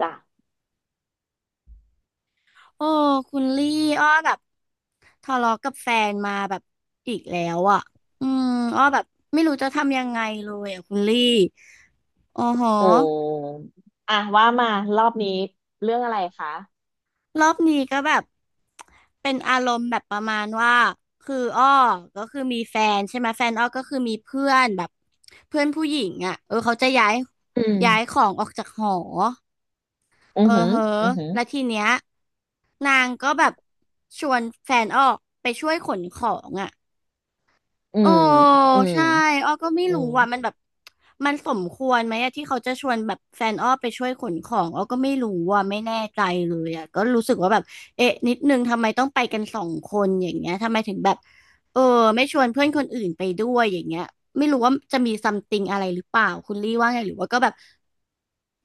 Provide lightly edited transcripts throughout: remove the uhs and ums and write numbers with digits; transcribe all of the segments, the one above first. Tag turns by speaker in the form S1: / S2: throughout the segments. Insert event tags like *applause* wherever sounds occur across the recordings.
S1: จ้ะ
S2: โอ้คุณลี่อ้อแบบทะเลาะกับแฟนมาแบบอีกแล้วอ่ะอืมอ้อแบบไม่รู้จะทำยังไงเลยอ่ะคุณลี่โอ้โห
S1: อืมอ่ะว่ามารอบนี้เรื่องอะไรคะ
S2: รอบนี้ก็แบบเป็นอารมณ์แบบประมาณว่าคืออ้อก็คือมีแฟนใช่ไหมแฟนอ้อก็คือมีเพื่อนแบบเพื่อนผู้หญิงอ่ะเออเขาจะย้าย
S1: อืม
S2: ของออกจากหอ
S1: อื
S2: เอ
S1: อ
S2: อ
S1: หือ
S2: เหอ
S1: อื
S2: ะ
S1: อหือ
S2: แล้วทีเนี้ยนางก็แบบชวนแฟนออกไปช่วยขนของอ่ะ
S1: อื
S2: โอ้
S1: มอืม
S2: ใช่อ้อก็ไม่
S1: อื
S2: รู้
S1: ม
S2: ว่ามันแบบมันสมควรไหมอะที่เขาจะชวนแบบแฟนอ้อไปช่วยขนของอ้อก็ไม่รู้ว่าไม่แน่ใจเลยอะก็รู้สึกว่าแบบเอ๊ะนิดนึงทำไมต้องไปกันสองคนอย่างเงี้ยทำไมถึงแบบ เออไม่ชวนเพื่อนคนอื่นไปด้วยอย่างเงี้ยไม่รู้ว่าจะมีซัมติงอะไรหรือเปล่าคุณลี่ว่าไงหรือว่าก็แบบ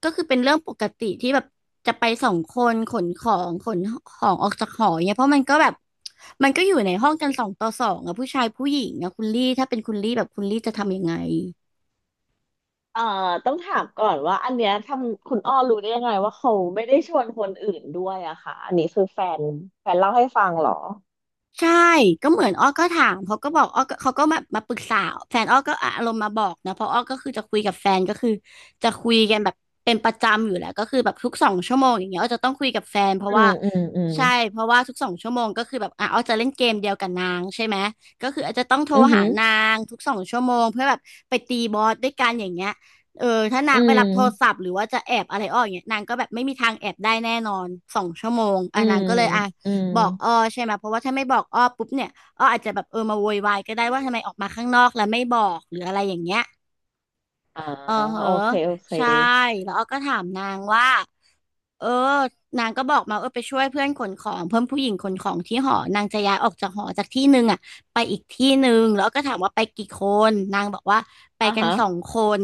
S2: ก็คือเป็นเรื่องปกติที่แบบจะไปสองคนขนของขนของออกจากหอเนี่ยเพราะมันก็แบบมันก็อยู่ในห้องกันสองต่อสองอะผู้ชายผู้หญิงอะคุณลี่ถ้าเป็นคุณลี่แบบคุณลี่จะทำยังไง
S1: เอ่อต้องถามก่อนว่าอันเนี้ยทำคุณอ้อรู้ได้ยังไงว่าเขาไม่ได้ชวนคนอื่นด้วยอะค่ะอันนี้คือแฟนแฟนเล่าให้ฟังเหรอ
S2: ใช่ก็เหมือนอ้อก็ถามเขาก็บอกอ้อก็เขาก็มาปรึกษาแฟนอ้อก็อารมณ์มาบอกนะเพราะอ้อก็คือจะคุยกับแฟนก็คือจะคุยกันแบบเป็นประจำอยู่แล้วก็คือแบบทุกสองชั่วโมงอย่างเงี้ยอ้อจะต้องคุยกับแฟนเพราะ
S1: อื
S2: ว่า
S1: มอืมอืม
S2: ใช่เพราะว่าทุกสองชั่วโมงก็คือแบบอ่ะอ้อจะเล่นเกมเดียวกับนางใช่ไหมก็คืออาจจะต้องโทร
S1: อือหื
S2: หา
S1: อ
S2: นางทุกสองชั่วโมงเพื่อแบบไปตีบอสด้วยกันอย่างเงี้ยเออถ้านา
S1: อื
S2: งไป
S1: ม
S2: รับโทรศัพท์หรือว่าจะแอบอะไรอ้ออย่างเงี้ยนางก็แบบไม่มีทางแอบได้แน่นอนสองชั่วโมงอ่ะ
S1: อื
S2: นา
S1: ม
S2: งก็เลยอ่ะ
S1: อืม
S2: บอกอ้อใช่ไหมเพราะว่าถ้าไม่บอกอ้อปุ๊บเนี่ยอ้ออาจจะแบบเออมาโวยวายก็ได้ว่าทำไมออกมาข้างนอกแล้วไม่บอกหรืออะไรอย่างเงี้ย
S1: อ่า
S2: เออเหอะ
S1: โอเคโอเค
S2: ใช่แล้วอ้อก็ถามนางว่าเออนางก็บอกมาเออไปช่วยเพื่อนขนของเพื่อนผู้หญิงขนของที่หอนางจะย้ายออกจากหอจากที่หนึ่งอ่ะไปอีกที่หนึ่งแล้วอ้อก็ถามว่าไปกี่คนนางบอกว่าไป
S1: อ่ะ
S2: กัน
S1: ฮะ
S2: สองคน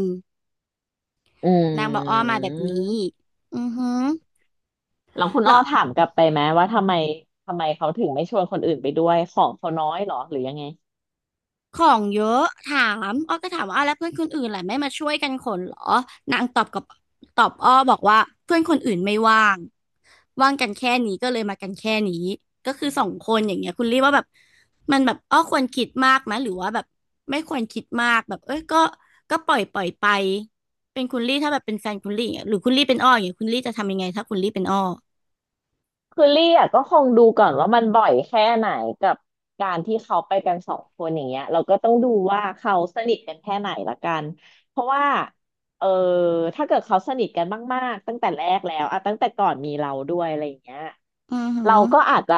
S1: อื
S2: นางบอกอ้อมาแบบนี้
S1: ม
S2: อือหือ
S1: แล้วคุณ
S2: แล้
S1: อ้อ
S2: ว
S1: ถามกลับไปไหมว่าทำไมทำไมเขาถึงไม่ชวนคนอื่นไปด้วยของเขาน้อยเหรอหรือยังไง
S2: ของเยอะถามอ้อก็ถามว่าอ้าวแล้วเพื่อนคนอื่นแหละไม่มาช่วยกันขนเหรอนางตอบกับตอบอ้อบอกว่าเพื่อนคนอื่นไม่ว่างว่างกันแค่นี้ก็เลยมากันแค่นี้ก็คือสองคนอย่างเงี้ยคุณรีว่าแบบมันแบบอ้อควรคิดมากไหมหรือว่าแบบไม่ควรคิดมากแบบเอ้ยก็ก็ปล่อยไปเป็นคุณลี่ถ้าแบบเป็นแฟนคุณลี่อย่างเงี้ยหรือคุณลี่เป็นอ้ออย่างเงี้ยคุณลี่จะทำยังไงถ้าคุณลี่เป็นอ้อ
S1: คือลี่อะก็คงดูก่อนว่ามันบ่อยแค่ไหนกับการที่เขาไปกันสองคนอย่างเงี้ยเราก็ต้องดูว่าเขาสนิทกันแค่ไหนละกันเพราะว่าเออถ้าเกิดเขาสนิทกันมากๆตั้งแต่แรกแล้วอะตั้งแต่ก่อนมีเราด้วยอะไรอย่างเงี้ย
S2: อือหื
S1: เรา
S2: อ
S1: ก็อาจจะ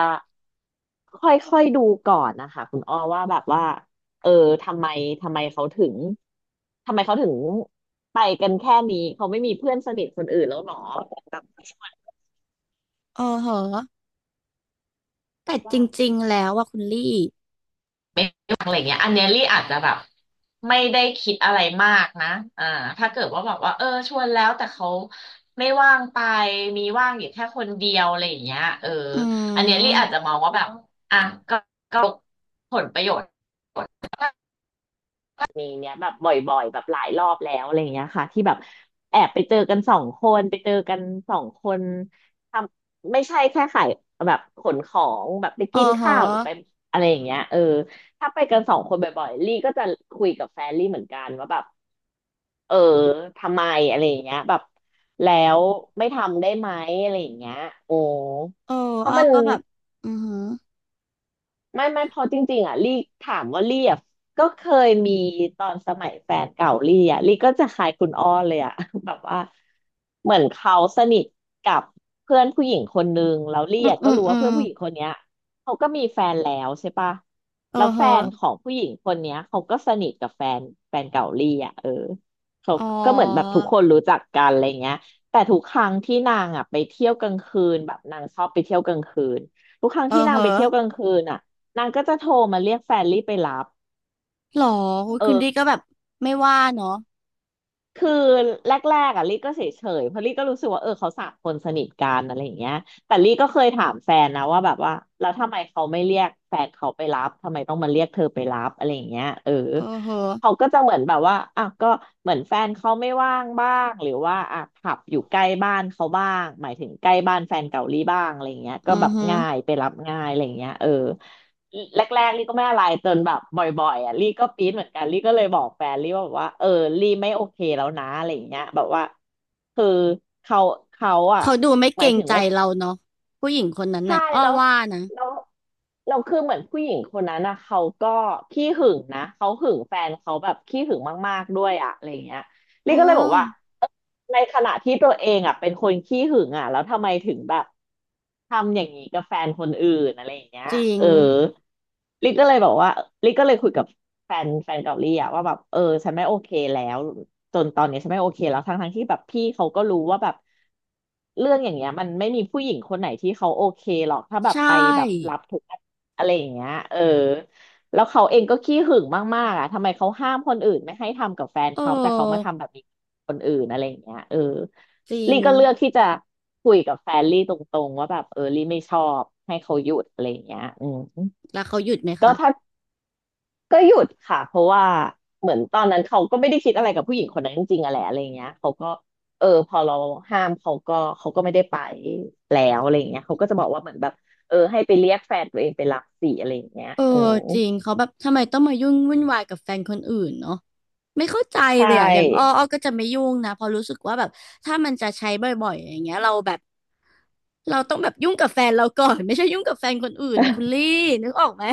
S1: ค่อยๆดูก่อนนะคะคุณอ้อว่าแบบว่าเออทำไมทำไมเขาถึงทำไมเขาถึงไปกันแค่นี้เขาไม่มีเพื่อนสนิทคนอื่นแล้วหรอแบบ
S2: อ๋อเหรอแต่จ
S1: ว่า
S2: ริงๆแล้วว่าคุณลี่
S1: อะไรเงี้ยอันเนี้ยลี่อาจจะแบบไม่ได้คิดอะไรมากนะอ่าถ้าเกิดว่าแบบว่าเออชวนแล้วแต่เขาไม่ว่างไปมีว่างอยู่แค่คนเดียวอะไรอย่างเงี้ยเออ
S2: อื
S1: อันเนี้ยลี่อาจจะ
S2: ม
S1: มองว่าแบบอ่ะก็ก็ผลประโยชน์ มีเนี้ยแบบบ่อยๆแบบหลายรอบแล้วอะไรอย่างเงี้ยค่ะที่แบบแอบไปเจอกันสองคนไปเจอกันสองคนทำไม่ใช่แค่ขายแบบขนของแบบไป
S2: อ๋อ
S1: กิน
S2: เหรอ
S1: ข้าวหรือไปอะไรอย่างเงี้ยเออถ้าไปกันสองคนบ่อยๆลี่ก็จะคุยกับแฟนลี่เหมือนกันว่าแบบเออทำไมอะไรอย่างเงี้ยแบบแล้วไม่ทำได้ไหมอะไรอย่างเงี้ยโอ้
S2: เออ
S1: เพ
S2: อ้
S1: ราะ
S2: อ
S1: มัน
S2: ก็แบบอือหือ
S1: ไม่เพอจริงๆอ่ะลี่ถามว่าลี่อ่ะก็เคยมีตอนสมัยแฟนเก่าลี่อ่ะลี่ก็จะขายคุณอ้อเลยอ่ะ *laughs* แบบว่าเหมือนเขาสนิทกับเพื่อนผู้หญิงคนนึงแล้วลี่
S2: อืม
S1: อ่ะ
S2: อื
S1: ก็
S2: ม
S1: รู้
S2: อื
S1: ว่า
S2: ม
S1: เพื่อนผู้หญิงคนเนี้ยเขาก็มีแฟนแล้วใช่ปะ
S2: เออ
S1: แล้ว
S2: เห
S1: แฟ
S2: อะ
S1: นของผู้หญิงคนเนี้ยเขาก็สนิทกับแฟนแฟนเก่าลี่อ่ะเออเขา
S2: อ๋อ
S1: ก็เหมือนแบบทุกคนรู้จักกันอะไรเงี้ยแต่ทุกครั้งที่นางอ่ะไปเที่ยวกลางคืนแบบนางชอบไปเที่ยวกลางคืนทุกครั้ง
S2: เอ
S1: ที่
S2: อ
S1: นา
S2: เห
S1: งไป
S2: อะ
S1: เที่ยวกลางคืนอ่ะ นางก็จะโทรมาเรียกแฟนลี่ไปรับ
S2: หรออุ๊ย
S1: เอ
S2: คุณ
S1: อ
S2: ดีก็แบบไม่ว่าเนาะ
S1: คือแรกๆอ่ะลี่ก็เฉยๆเพราะลี่ก็รู้สึกว่าเออเขาสามคนสนิทกันอะไรอย่างเงี้ยแต่ลี่ก็เคยถามแฟนนะว่าแบบว่าแล้วทำไมเขาไม่เรียกแฟนเขาไปรับทำไมต้องมาเรียกเธอไปรับอะไรอย่างเงี้ยเออ
S2: เออเหอะ
S1: เขาก็จะเหมือนแบบว่าอ่ะก็เหมือนแฟนเขาไม่ว่างบ้างหรือว่าอ่ะผับอยู่ใกล้บ้านเขาบ้างหมายถึงใกล้บ้านแฟนเก่าหลี่บ้างอะไรอย่างเงี้ยก็
S2: อื
S1: แบ
S2: อ
S1: บ
S2: หือ
S1: ง่ายไปรับง่ายอะไรอย่างเงี้ยเออ แรกๆลี่ก็ไม่อะไรจนแบบบ่อยๆอ่ะลี่ก็ปี๊ดเหมือนกันลี่ก็เลยบอกแฟนลี่ว่าแบบว่าเออลี่ไม่โอเคแล้วนะอะไรอย่างเงี้ยแบบว่าคือเขาเขาอ่ะ
S2: เขาดูไม่
S1: ห
S2: เก
S1: มา
S2: ร
S1: ย
S2: ง
S1: ถึง
S2: ใจ
S1: ว่า
S2: เราเนาะผู้หญิงคนนั้น
S1: ใช่
S2: น่ะอ้อ
S1: แล้ว
S2: ว่านะ
S1: แล้วเราคือเหมือนผู้หญิงคนนั้นนะเขาก็ขี้หึงนะเขาหึงแฟนเขาแบบขี้หึงมากๆด้วยอะอะไรอย่างเงี้ย
S2: เอ
S1: ลี่ก็เลยบอกว่า
S2: อ
S1: ในขณะที่ตัวเองอ่ะเป็นคนขี้หึงอ่ะแล้วทำไมถึงแบบทำอย่างนี้กับแฟนคนอื่นอะไรอย่างเงี้ย
S2: จริง
S1: เออลิก็เลยบอกว่าลิก็เลยคุยกับแฟนแฟนเกาหลีอ่ะว่าแบบเออฉันไม่โอเคแล้ว จนตอนนี้ฉันไม่โอเคแล้วทั้งที่แบบพี่เขาก็รู้ว่าแบบเรื่องอย่างเงี้ยมันไม่มีผู้หญิงคนไหนที่เขาโอเคหรอกถ้าแบ
S2: ใช
S1: บไปแบบรั
S2: ่
S1: บทุกอันอะไรอย่างเงี้ยเออแล้วเขาเองก็ขี้หึงมากๆอ่ะทำไมเขาห้ามคนอื่นไม่ให้ทำกับแฟน
S2: เ
S1: เขาแต่เขามา
S2: ออ
S1: ทำแบบนี้กับคนอื่นอะไรอย่างเงี้ยเออ
S2: จริง
S1: ลี่ก็เลือกที่จะคุยกับแฟนลี่ตรงๆว่าแบบเออลี่ไม่ชอบให้เขาหยุดอะไรอย่างเงี้ยอืม
S2: แล้วเขาหยุดไหม
S1: ก็
S2: คะ
S1: ถ้า ก็หยุดค่ะเพราะว่าเหมือนตอนนั้นเขาก็ไม่ได้คิดอะไรกับผู้หญิงคนนั้นจริงๆอะแหละอะไรเงี้ยเขาก็พอเราห้ามเขาก็ไม่ได้ไปแล้วอะไรเงี้ยเขาก็จะบอกว่าเหมือนแบบเออให้ไปเรียกแฟนตัวเองไปรับสิอะไรอย่างเงี้ย
S2: เออ
S1: อืม
S2: จริงเขาแบบทำไมต้องมายุ่งวุ่นวายกับแฟนคนอื่นเนาะไม่เข้าใจ
S1: ใช
S2: เลยอะอย่างอ้อ
S1: ่
S2: อ้อก็จะไม่ยุ่งนะเพอราะรู้สึกว่าแบบถ้ามันจะใช้บ่อยๆอย่างเงี้ยเราแบบเราต้องแบบยุ่งกับแฟนเราก่อนไม่ใช่ยุ่งกับแฟนคนอื่นนะคุณลี่นึกออกไหม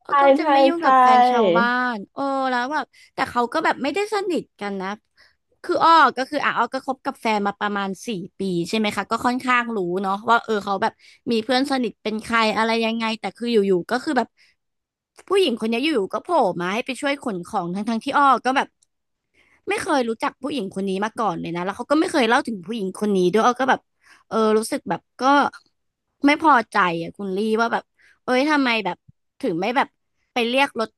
S2: เออ
S1: ใช่
S2: ก็จะ
S1: ใช่
S2: ไม่ยุ่ง
S1: ใช
S2: กับแฟนชาว
S1: ่
S2: บ้านเออแล้วแบบแต่เขาก็แบบไม่ได้สนิทกันนะคืออ้อก็คืออ่ะอ้อก็คบกับแฟนมาประมาณ4 ปีใช่ไหมคะก็ค่อนข้างรู้เนาะว่าเออเขาแบบมีเพื่อนสนิทเป็นใครอะไรยังไงแต่คืออยู่ๆก็คือแบบผู้หญิงคนนี้อยู่ๆก็โผล่มาให้ไปช่วยขนของทั้งๆที่อ้อก็แบบไม่เคยรู้จักผู้หญิงคนนี้มาก่อนเลยนะแล้วเขาก็ไม่เคยเล่าถึงผู้หญิงคนนี้ด้วยอ้อก็แบบเออรู้สึกแบบก็ไม่พอใจอ่ะคุณลี่ว่าแบบ เอ้ยทำไมแบบถึงไม่แบบไปเรียกรถ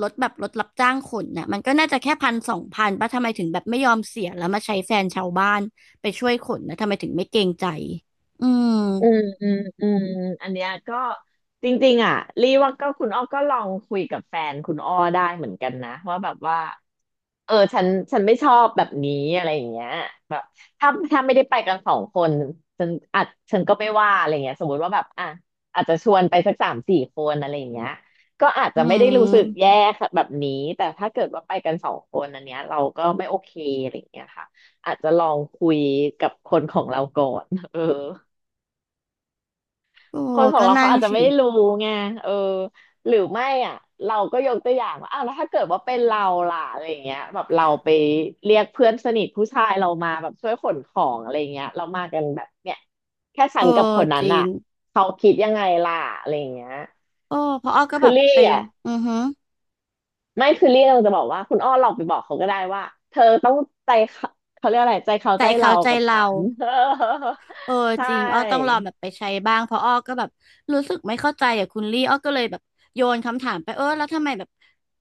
S2: แบบรถรับจ้างขนน่ะมันก็น่าจะแค่1,000-2,000ป่ะทำไมถึงแบบไม่ยอมเสียแล้วมาใช้แฟนชาวบ้านไปช่วยขนนะทำไมถึงไม่เกรงใจอืม
S1: อืมอืมอืมอันเนี้ยก็จริงๆอ่ะรีว่าก็คุณอ้อก็ลองคุยกับแฟนคุณอ้อได้เหมือนกันนะว่าแบบว่า เออฉันไม่ชอบแบบนี้อะไรอย่างเงี้ยแบบถ้าไม่ได้ไปกันสองคนฉันอาจฉันก็ไม่ว่าอะไรเงี้ยสมมติว่าแบบอ่ะอาจจะชวนไปสักสามสี่คนอะไรอย่างเงี้ยก็อาจ
S2: อื
S1: จะไม่ได้รู้สึกแย่
S2: ม
S1: ค่ะแบบนี้แต่ถ้าเกิดว่าไปกันสองคนอันเนี้ยเราก็ไม่โอเคอะไรอย่างเงี้ยค่ะอาจจะลองคุยกับคนของเราก่อนเออ
S2: โอ้
S1: คนของ
S2: ก็
S1: เรา
S2: นั่
S1: เขา
S2: น
S1: อาจจะ
S2: สิ
S1: ไม่รู้ไงเออหรือไม่อ่ะเราก็ยกตัวอย่างว่าอ้าวแล้วถ้าเกิดว่าเป็นเราล่ะอะไรอย่างเงี้ยแบบเราไปเรียกเพื่อนสนิทผู้ชายเรามาแบบช่วยขนของอะไรอย่างเงี้ยเรามากันแบบเนี่ยแค่
S2: เอ
S1: ฉั
S2: อ
S1: นกับคนนั้
S2: จ
S1: น
S2: ริ
S1: อ่ะ
S2: ง
S1: เขาคิดยังไงล่ะอะไรอย่างเงี้ย
S2: โอ้เพราะอ้อก็
S1: คื
S2: แบ
S1: อ
S2: บ
S1: ลี่
S2: ไป
S1: อ่ะ
S2: อือฮึ
S1: ไม่คือลี่เราจะบอกว่าคุณอ้อลองไปบอกเขาก็ได้ว่าเธอต้องใจเขาเขาเรียกอะไรใจเขา
S2: แต่
S1: ใจ
S2: ไอ้เขา
S1: เรา
S2: ใจ
S1: กับฉั
S2: เรา
S1: น
S2: เออ
S1: *laughs* ใช
S2: จริงอ้อต้องลอ
S1: ่
S2: งแบบไปใช้บ้างเพราะอ้อก็แบบรู้สึกไม่เข้าใจอ่ะคุณลี่อ้อก็เลยแบบโยนคำถามไปเออแล้วทำไมแบบ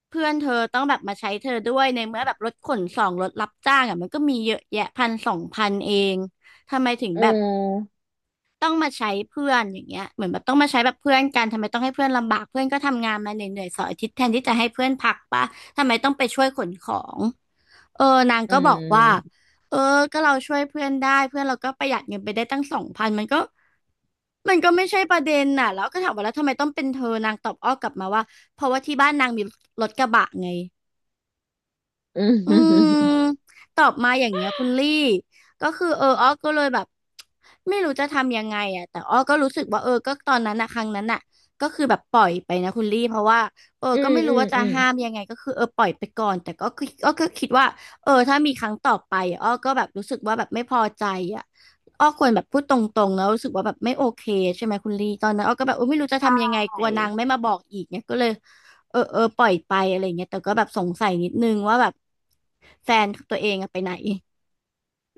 S2: เพื่อนเธอต้องแบบมาใช้เธอด้วยในเมื่อแบบรถขนส่งรถรับจ้างอ่ะมันก็มีเยอะแยะพันสองพันเองทำไมถึง
S1: อื
S2: แบบ
S1: ม
S2: ต้องมาใช้เพื่อนอย่างเงี้ยเหมือนแบบต้องมาใช้แบบเพื่อนกันทำไมต้องให้เพื่อนลำบากเพื่อนก็ทำงานมาเหนื่อยๆเสาร์อาทิตย์แทนที่จะให้เพื่อนพักปะทำไมต้องไปช่วยขนของเออนาง
S1: อื
S2: ก็บอกว่า
S1: ม
S2: เออก็เราช่วยเพื่อนได้เพื่อนเราก็ประหยัดเงินไปได้ตั้งสองพันมันก็ไม่ใช่ประเด็นน่ะแล้วก็ถามว่าแล้วทำไมต้องเป็นเธอนางตอบอ้อกลับมาว่าเพราะว่าที่บ้านนางมีรถกระบะไง
S1: อื
S2: อืม
S1: ม
S2: ตอบมาอย่างเงี้ยคุณลี่ก็คือเอออ้อก็เลยแบบไม่รู้จะทำยังไงอ่ะแต่อ้อก็รู้สึกว่าเออก็ตอนนั้นอะครั้งนั้นอะก็คือแบบปล่อยไปนะคุณลี่เพราะว่าเออ
S1: อื
S2: ก็
S1: ม
S2: ไม่รู้
S1: อืม
S2: ว่าจะ
S1: อืม
S2: ห้ามยังไงก็คือเออปล่อยไปก่อนแต่ก็คืออ้อก็คิดว่าเออถ้ามีครั้งต่อไปอะอ้อก็แบบรู้สึกว่าแบบไม่พอใจอ่ะอ้อควรแบบพูดตรงๆแล้วรู้สึกว่าแบบไม่โอเคใช่ไหมคุณลี่ตอนนั้นอ้อก็แบบเออไม่รู้จะทำยังไงก
S1: ใช่
S2: ลัวนางไม่มาบอกอีกเนี่ยก็เลย เออเออปล่อยไปอะไรเงี้ยแต่ก็แบบสงสัยนิดนึงว่าแบบแฟนตัวเองอะไปไหน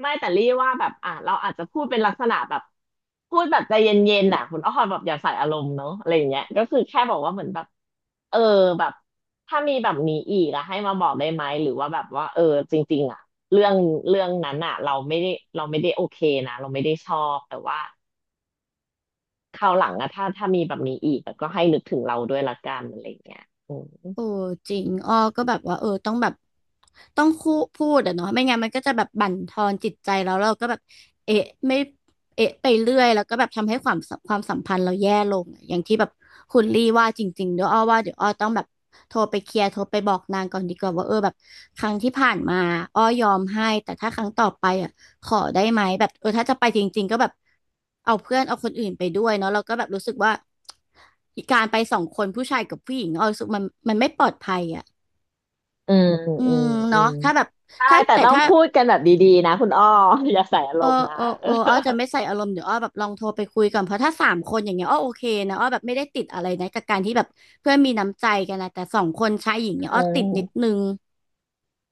S1: ไม่แต่รี่ว่าแบบอ่ะเราอาจจะพูดเป็นลักษณะแบบพูดแบบใจเย็นๆน่ะคุณอ้อแบบอย่าใส่อารมณ์เนาะอะไรอย่างเงี้ยก็คือแค่บอกว่าเหมือนแบบเออแบบถ้ามีแบบนี้อีกอะให้มาบอกได้ไหมหรือว่าแบบว่าเออจริงๆอะเรื่องเรื่องนั้นอะเราไม่ได้โอเคนะเราไม่ได้ชอบแต่ว่าคราวหลังอะถ้ามีแบบนี้อีกอะก็ให้นึกถึงเราด้วยละกันอะไรอย่างเงี้ยอืม
S2: โอ้จริงอ้อก็แบบว่าเออต้องแบบต้องคู่พูดอะเนาะไม่งั้นมันก็จะแบบบั่นทอนจิตใจแล้วเราก็แบบเอะไม่เอะไปเรื่อยแล้วก็แบบทำให้ความสัมพันธ์เราแย่ลงอะอย่างที่แบบคุณลี่ว่าจริงๆเดี๋ยวอ้อต้องแบบโทรไปเคลียร์โทรไปบอกนางก่อนดีกว่าว่าเออแบบครั้งที่ผ่านมาอ้อยอมให้แต่ถ้าครั้งต่อไปอะ ขอได้ไหมแบบเออถ้าจะไปจริงๆก็แบบเอาเพื่อนเอาคนอื่นไปด้วยเนาะเราก็แบบรู้สึกว่าการไปสองคนผู้ชายกับผู้หญิงเอารู้สึกมันไม่ปลอดภัยอ่ะ
S1: อืม
S2: อื
S1: อื
S2: ม
S1: มอื
S2: เนาะ
S1: ม
S2: ถ้าแบบ
S1: ได้
S2: ถ้า
S1: แต่
S2: แต่
S1: ต้อง
S2: ถ้า
S1: พูดกันแบบดีๆนะคุณอ้อ *laughs* อย่าใส่อา
S2: เอ
S1: ร
S2: อ
S1: มณ์นะ
S2: เอออ้อจะไม่ใส่อารมณ์เดี๋ยวอ้อแบบลองโทรไปคุยก่อนเพราะถ้าสามคนอย่างเงี้ยอ้อโอเคนะอ้อแบบไม่ได้ติดอะไรนะกับการที่แบบเพื่อนมีน้ำใจกันนะแต่สองคนชายหญิงเนี่ยอ้อ
S1: เออ
S2: ติดนิดนึง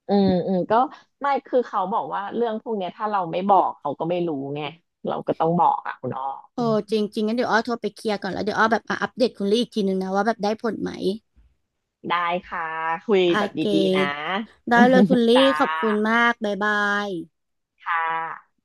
S1: เอออืมอืมก็ไม่คือเขาบอกว่าเรื่องพวกเนี้ยถ้าเราไม่บอกเขาก็ไม่รู้ไงเราก็ต้องบอกอ่ะคุณอ้ออื
S2: โอ้
S1: ม
S2: จริงจริงงั้นเดี๋ยวอ้อโทรไปเคลียร์ก่อนแล้วเดี๋ยวอ้อแบบมาอัปเดตคุณลี่อีกทีนึงนะว่าแบบได้ผลไหม
S1: ได้ค่ะคุย
S2: โอ
S1: แบบ
S2: เค
S1: ดีๆนะ
S2: ได้เลยคุณ
S1: *laughs*
S2: ลี่
S1: จ้า
S2: ขอบคุณมากบ๊ายบาย
S1: ค่ะ